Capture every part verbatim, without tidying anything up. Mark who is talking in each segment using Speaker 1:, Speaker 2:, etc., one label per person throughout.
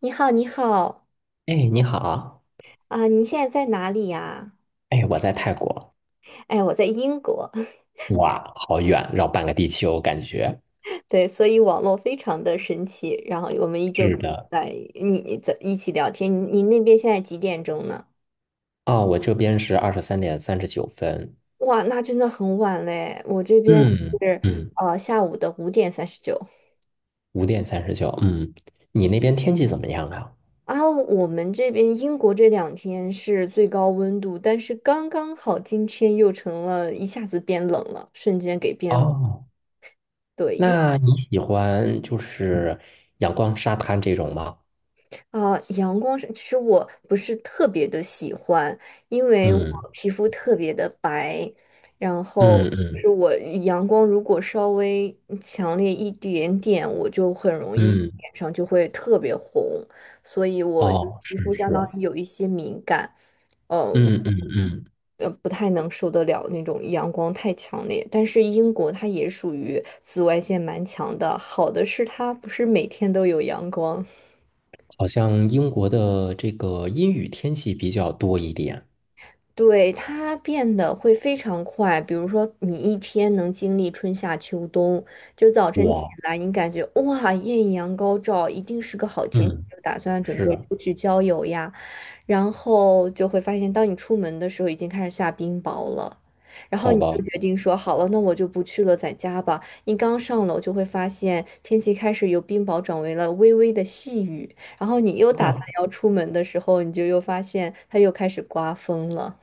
Speaker 1: 你好，你好
Speaker 2: 哎，你好，
Speaker 1: 啊，你现在在哪里呀？
Speaker 2: 哎，我在泰国，
Speaker 1: 哎，我在英国，
Speaker 2: 哇，好远，绕半个地球，感觉。
Speaker 1: 对，所以网络非常的神奇，然后我们依旧
Speaker 2: 是
Speaker 1: 可以
Speaker 2: 的。
Speaker 1: 在你你在一起聊天。你你那边现在几点钟呢？
Speaker 2: 哦，我这边是二十三点三十九分，
Speaker 1: 哇，那真的很晚嘞，我这边
Speaker 2: 嗯
Speaker 1: 是
Speaker 2: 嗯，
Speaker 1: 呃下午的五点三十九
Speaker 2: 五点三十九，嗯，你那边天气怎么样啊？
Speaker 1: 啊。我们这边英国这两天是最高温度，但是刚刚好今天又成了一下子变冷了，瞬间给变。
Speaker 2: 哦，
Speaker 1: 对，
Speaker 2: 那你喜欢就是阳光沙滩这种吗？
Speaker 1: 啊，阳光是，其实我不是特别的喜欢，因为我
Speaker 2: 嗯
Speaker 1: 皮肤特别的白，然后
Speaker 2: 嗯
Speaker 1: 就
Speaker 2: 嗯
Speaker 1: 是我阳光如果稍微强烈一点点，我就很容易
Speaker 2: 嗯，
Speaker 1: 脸上就会特别红，所以我就
Speaker 2: 哦，
Speaker 1: 皮
Speaker 2: 是
Speaker 1: 肤相当
Speaker 2: 是，
Speaker 1: 于有一些敏感，嗯、
Speaker 2: 嗯嗯嗯，
Speaker 1: 呃，不太能受得了那种阳光太强烈。但是英国它也属于紫外线蛮强的，好的是它不是每天都有阳光。
Speaker 2: 好像英国的这个阴雨天气比较多一点。
Speaker 1: 对，它变得会非常快，比如说你一天能经历春夏秋冬，就早晨起
Speaker 2: 哇，
Speaker 1: 来你感觉哇，艳阳高照，一定是个好天气，
Speaker 2: 嗯，
Speaker 1: 就打算准
Speaker 2: 是
Speaker 1: 备
Speaker 2: 啊，
Speaker 1: 出去郊游呀，然后就会发现，当你出门的时候已经开始下冰雹了，然后
Speaker 2: 好
Speaker 1: 你就
Speaker 2: 吧。
Speaker 1: 决定说好了，那我就不去了，在家吧。你刚上楼就会发现天气开始由冰雹转为了微微的细雨，然后你又 打
Speaker 2: 啊，
Speaker 1: 算要出门的时候，你就又发现它又开始刮风了。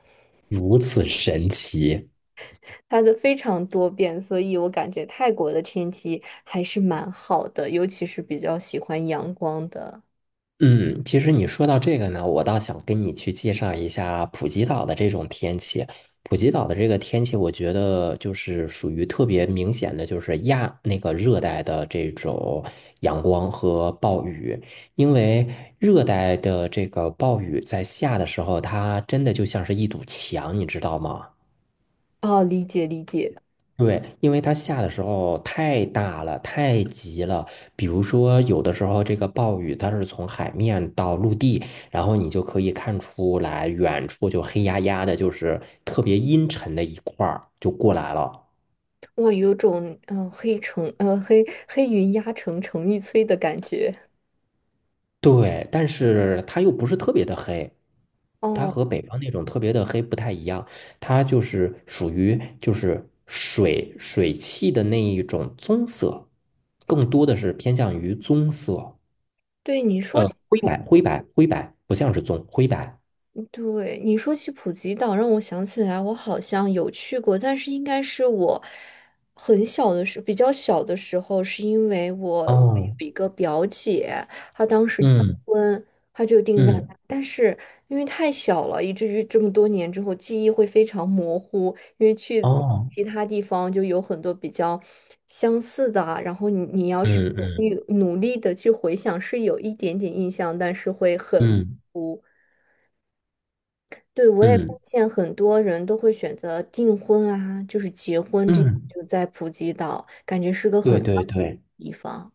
Speaker 2: 如此神奇。
Speaker 1: 它的非常多变，所以我感觉泰国的天气还是蛮好的，尤其是比较喜欢阳光的。
Speaker 2: 嗯，其实你说到这个呢，我倒想跟你去介绍一下普吉岛的这种天气。普吉岛的这个天气，我觉得就是属于特别明显的，就是亚那个热带的这种阳光和暴雨。因为热带的这个暴雨在下的时候，它真的就像是一堵墙，你知道吗？
Speaker 1: 哦，理解理解，
Speaker 2: 对，因为它下的时候太大了，太急了。比如说，有的时候这个暴雨它是从海面到陆地，然后你就可以看出来，远处就黑压压的，就是特别阴沉的一块儿就过来了。
Speaker 1: 哇，有种嗯、呃黑城呃黑黑云压城城欲摧的感觉。
Speaker 2: 对，但是它又不是特别的黑，它
Speaker 1: 哦，
Speaker 2: 和北方那种特别的黑不太一样，它就是属于就是水水汽的那一种棕色，更多的是偏向于棕色。
Speaker 1: 对，你说
Speaker 2: 呃，
Speaker 1: 起。
Speaker 2: 灰白，灰白，灰白，不像是棕，灰白。
Speaker 1: 对，你说起普吉岛，让我想起来，我好像有去过，但是应该是我很小的时候比较小的时候，是因为我
Speaker 2: 哦，
Speaker 1: 有一个表姐，她当时结
Speaker 2: 嗯
Speaker 1: 婚，她就定在
Speaker 2: 嗯，
Speaker 1: 那，但是因为太小了，以至于这么多年之后，记忆会非常模糊，因为去
Speaker 2: 哦，
Speaker 1: 其他地方就有很多比较相似的啊然后你你要去
Speaker 2: 嗯
Speaker 1: 努
Speaker 2: 嗯
Speaker 1: 力努力的去回想，是有一点点印象，但是会很模
Speaker 2: 嗯
Speaker 1: 糊。对，我也发
Speaker 2: 嗯
Speaker 1: 现很多人都会选择订婚啊，就是结婚这样，
Speaker 2: 嗯，
Speaker 1: 就在普吉岛，感觉是个很
Speaker 2: 对
Speaker 1: 浪
Speaker 2: 对对。
Speaker 1: 的地方。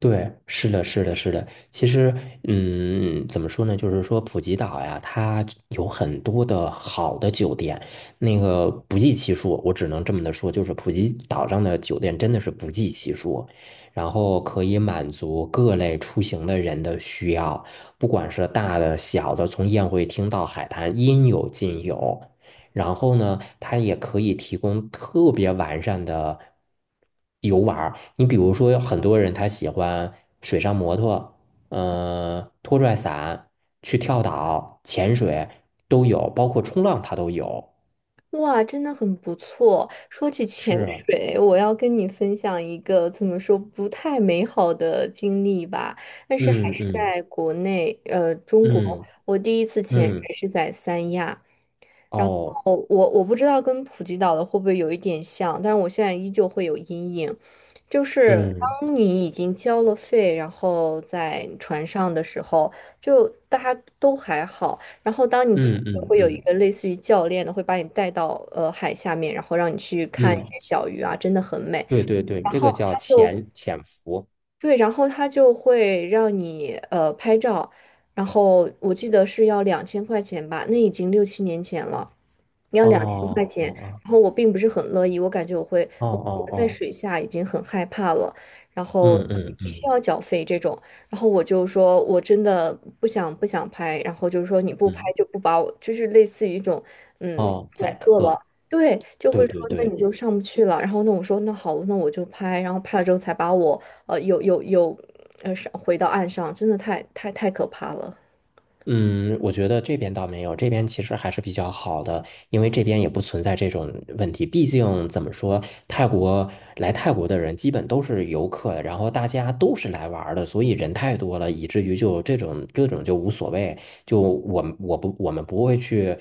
Speaker 2: 对，是的，是的，是的。其实，嗯，怎么说呢？就是说，普吉岛呀，它有很多的好的酒店，那个不计其数。我只能这么的说，就是普吉岛上的酒店真的是不计其数，然后可以满足各类出行的人的需要，不管是大的、小的，从宴会厅到海滩，应有尽有。然后呢，它也可以提供特别完善的游玩儿。你比如说，有很多人他喜欢水上摩托，呃，拖拽伞，去跳岛、潜水都有，包括冲浪它都有。
Speaker 1: 哇，真的很不错。说起潜
Speaker 2: 是，
Speaker 1: 水，我要跟你分享一个怎么说不太美好的经历吧，但是还
Speaker 2: 嗯
Speaker 1: 是
Speaker 2: 嗯
Speaker 1: 在国内，呃，中国。
Speaker 2: 嗯
Speaker 1: 我第一次潜
Speaker 2: 嗯，
Speaker 1: 水是在三亚，然
Speaker 2: 哦，
Speaker 1: 后我我不知道跟普吉岛的会不会有一点像，但是我现在依旧会有阴影，就是
Speaker 2: 嗯
Speaker 1: 当你已经交了费，然后在船上的时候，就大家都还好，然后当你其
Speaker 2: 嗯
Speaker 1: 实
Speaker 2: 嗯
Speaker 1: 会有一
Speaker 2: 嗯
Speaker 1: 个类似于教练的，会把你带到呃海下面，然后让你去看一
Speaker 2: 嗯，
Speaker 1: 些小鱼啊，真的很美，
Speaker 2: 对对对，
Speaker 1: 然
Speaker 2: 这
Speaker 1: 后
Speaker 2: 个叫
Speaker 1: 他就
Speaker 2: 潜潜伏。
Speaker 1: 对，然后他就会让你呃拍照。然后我记得是要两千块钱吧，那已经六七年前了。
Speaker 2: 哦哦
Speaker 1: 然后我并不是很乐意，我感觉我会
Speaker 2: 哦
Speaker 1: 我
Speaker 2: 哦
Speaker 1: 我
Speaker 2: 哦
Speaker 1: 在
Speaker 2: 哦，
Speaker 1: 水下已经很害怕了，然后
Speaker 2: 嗯
Speaker 1: 你
Speaker 2: 嗯
Speaker 1: 必须
Speaker 2: 嗯
Speaker 1: 要缴费这种，然后我就说我真的不想不想拍，然后就是说你不拍
Speaker 2: 嗯，
Speaker 1: 就不把我，就是类似于一种嗯
Speaker 2: 哦，宰
Speaker 1: 恐吓了，
Speaker 2: 客。
Speaker 1: 对，就
Speaker 2: 对
Speaker 1: 会说
Speaker 2: 对
Speaker 1: 那
Speaker 2: 对，
Speaker 1: 你就上不去了，然后那我说那好，那我就拍，然后拍了之后才把我呃有有有呃上回到岸上，真的太太太可怕了。
Speaker 2: 嗯，我觉得这边倒没有，这边其实还是比较好的，因为这边也不存在这种问题。毕竟怎么说，泰国来泰国的人基本都是游客，然后大家都是来玩儿的，所以人太多了，以至于就这种这种就无所谓。就我们我不我们不会去，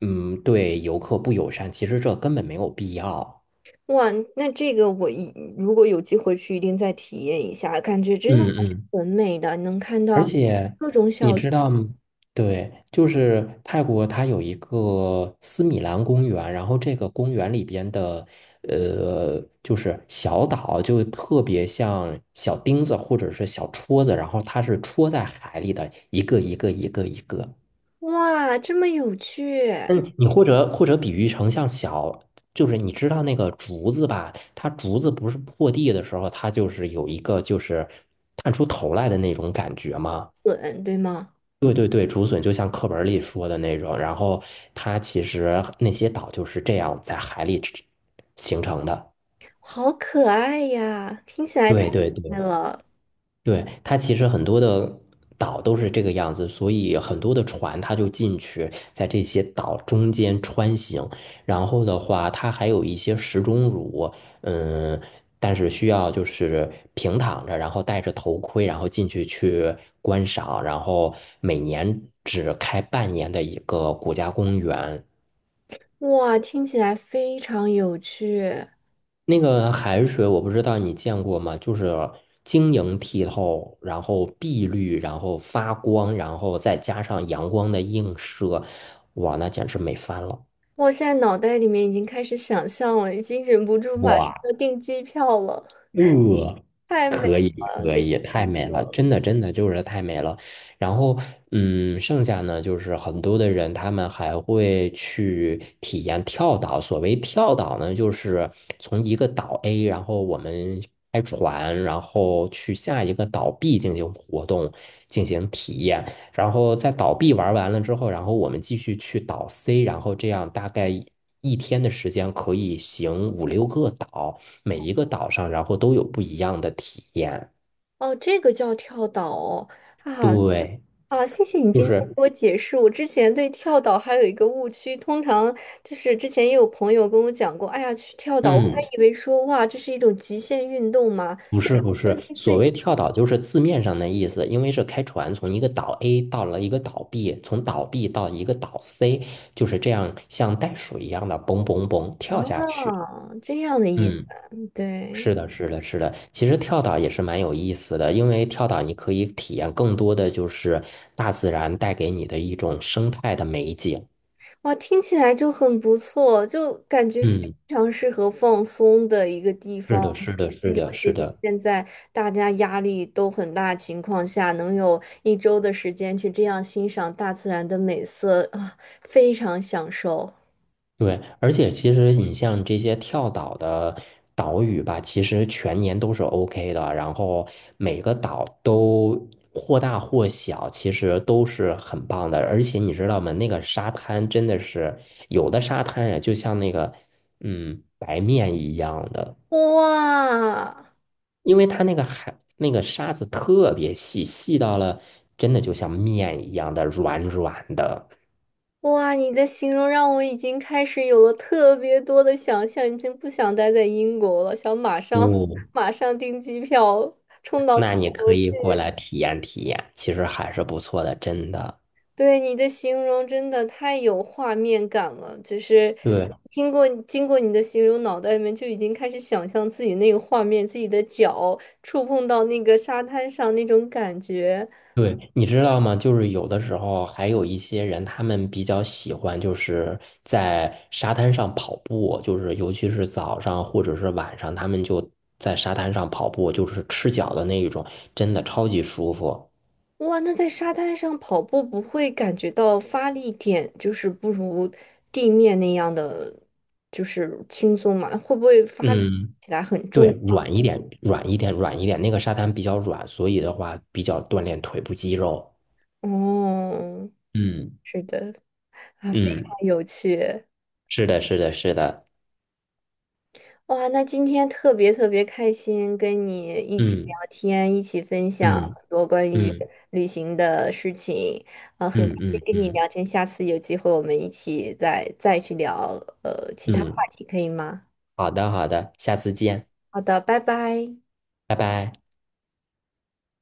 Speaker 2: 嗯，对游客不友善，其实这根本没有必要。
Speaker 1: 哇，那这个我一如果有机会去，一定再体验一下，感觉真
Speaker 2: 嗯
Speaker 1: 的
Speaker 2: 嗯
Speaker 1: 很美的，能看
Speaker 2: 而
Speaker 1: 到
Speaker 2: 且
Speaker 1: 各种
Speaker 2: 你
Speaker 1: 小，
Speaker 2: 知道吗？对，就是泰国，它有一个斯米兰公园，然后这个公园里边的，呃，就是小岛，就特别像小钉子或者是小戳子，然后它是戳在海里的一个一个一个一个。
Speaker 1: 哇，这么有趣，
Speaker 2: 嗯，你或者或者比喻成像小，就是你知道那个竹子吧？它竹子不是破地的时候，它就是有一个就是探出头来的那种感觉吗？
Speaker 1: 滚，对吗？
Speaker 2: 对对对，竹笋就像课本里说的那种，然后它其实那些岛就是这样在海里形成的。
Speaker 1: 好可爱呀，听起来太
Speaker 2: 对对
Speaker 1: 可爱
Speaker 2: 对。
Speaker 1: 了，
Speaker 2: 对，它其实很多的岛都是这个样子，所以很多的船它就进去，在这些岛中间穿行。然后的话，它还有一些石钟乳，嗯，但是需要就是平躺着，然后戴着头盔，然后进去去观赏。然后每年只开半年的一个国家公园。
Speaker 1: 哇，听起来非常有趣，
Speaker 2: 那个海水我不知道你见过吗？就是晶莹剔透，然后碧绿，然后发光，然后再加上阳光的映射，哇，那简直美翻了！
Speaker 1: 我现在脑袋里面已经开始想象了，已经忍不住马上
Speaker 2: 哇！
Speaker 1: 要订机票了，
Speaker 2: 呃，
Speaker 1: 太美
Speaker 2: 可以
Speaker 1: 了，
Speaker 2: 可
Speaker 1: 这
Speaker 2: 以，
Speaker 1: 个
Speaker 2: 太
Speaker 1: 景
Speaker 2: 美了，
Speaker 1: 色，
Speaker 2: 真的真的就是太美了。然后，嗯，剩下呢，就是很多的人他们还会去体验跳岛。所谓跳岛呢，就是从一个岛 A，然后我们开船，然后去下一个岛 B 进行活动，进行体验。然后在岛 B 玩完了之后，然后我们继续去岛 C，然后这样大概一天的时间可以行五六个岛。每一个岛上，然后都有不一样的体验。
Speaker 1: 哦，这个叫跳岛哦，啊。
Speaker 2: 对，
Speaker 1: 啊，谢谢你
Speaker 2: 就
Speaker 1: 今天
Speaker 2: 是，
Speaker 1: 给我解释。我之前对跳岛还有一个误区，通常就是之前也有朋友跟我讲过，哎呀，去跳岛，我还
Speaker 2: 嗯，
Speaker 1: 以为说哇，这是一种极限运动嘛，
Speaker 2: 不
Speaker 1: 就感
Speaker 2: 是不
Speaker 1: 觉
Speaker 2: 是，
Speaker 1: 类似
Speaker 2: 所
Speaker 1: 于
Speaker 2: 谓跳岛就是字面上的意思，因为是开船从一个岛 A 到了一个岛 B，从岛 B 到一个岛 C，就是这样像袋鼠一样的嘣嘣嘣跳
Speaker 1: 啊
Speaker 2: 下去。
Speaker 1: 这样的意思。
Speaker 2: 嗯，
Speaker 1: 对，
Speaker 2: 是的，是的，是的。其实跳岛也是蛮有意思的，因为跳岛你可以体验更多的就是大自然带给你的一种生态的美景。
Speaker 1: 哇，听起来就很不错，就感觉非
Speaker 2: 嗯，
Speaker 1: 常适合放松的一个地
Speaker 2: 是
Speaker 1: 方，
Speaker 2: 的，
Speaker 1: 就
Speaker 2: 是的，是
Speaker 1: 是
Speaker 2: 的，
Speaker 1: 尤其
Speaker 2: 是
Speaker 1: 是
Speaker 2: 的。
Speaker 1: 现在大家压力都很大的情况下，能有一周的时间去这样欣赏大自然的美色啊，非常享受。
Speaker 2: 对，而且其实你像这些跳岛的岛屿吧，其实全年都是 OK 的，然后每个岛都或大或小，其实都是很棒的。而且你知道吗？那个沙滩真的是有的沙滩呀，就像那个嗯白面一样的，
Speaker 1: 哇
Speaker 2: 因为它那个海那个沙子特别细，细到了真的就像面一样的软软的。
Speaker 1: 哇，你的形容让我已经开始有了特别多的想象，已经不想待在英国了，想马上
Speaker 2: 哦，
Speaker 1: 马上订机票冲到泰
Speaker 2: 那你可
Speaker 1: 国
Speaker 2: 以
Speaker 1: 去。
Speaker 2: 过来体验体验，其实还是不错的，真的。
Speaker 1: 对你的形容真的太有画面感了，就是
Speaker 2: 对
Speaker 1: 经过经过你的形容，脑袋里面就已经开始想象自己那个画面，自己的脚触碰到那个沙滩上那种感觉。
Speaker 2: 对，你知道吗？就是有的时候还有一些人，他们比较喜欢就是在沙滩上跑步，就是尤其是早上或者是晚上，他们就在沙滩上跑步，就是赤脚的那一种，真的超级舒服。
Speaker 1: 哇，那在沙滩上跑步不会感觉到发力点就是不如地面那样的就是轻松嘛？会不会发力
Speaker 2: 嗯，
Speaker 1: 起来很
Speaker 2: 对，
Speaker 1: 重啊？
Speaker 2: 软一点，软一点，软一点。那个沙滩比较软，所以的话比较锻炼腿部肌肉。
Speaker 1: 哦，
Speaker 2: 嗯
Speaker 1: 是的，啊，非
Speaker 2: 嗯，
Speaker 1: 常有趣。
Speaker 2: 是的，是的，是的。
Speaker 1: 哇，那今天特别特别开心，跟你一起
Speaker 2: 嗯。
Speaker 1: 聊天，一起分享
Speaker 2: 嗯
Speaker 1: 很多关于
Speaker 2: 嗯
Speaker 1: 旅行的事情，啊、很开
Speaker 2: 嗯
Speaker 1: 心
Speaker 2: 嗯
Speaker 1: 跟你
Speaker 2: 嗯
Speaker 1: 聊天。下次有机会我们一起再再去聊呃其他话
Speaker 2: 嗯，
Speaker 1: 题，可以吗？
Speaker 2: 好的好的，下次见，
Speaker 1: 好的，拜拜。
Speaker 2: 拜拜。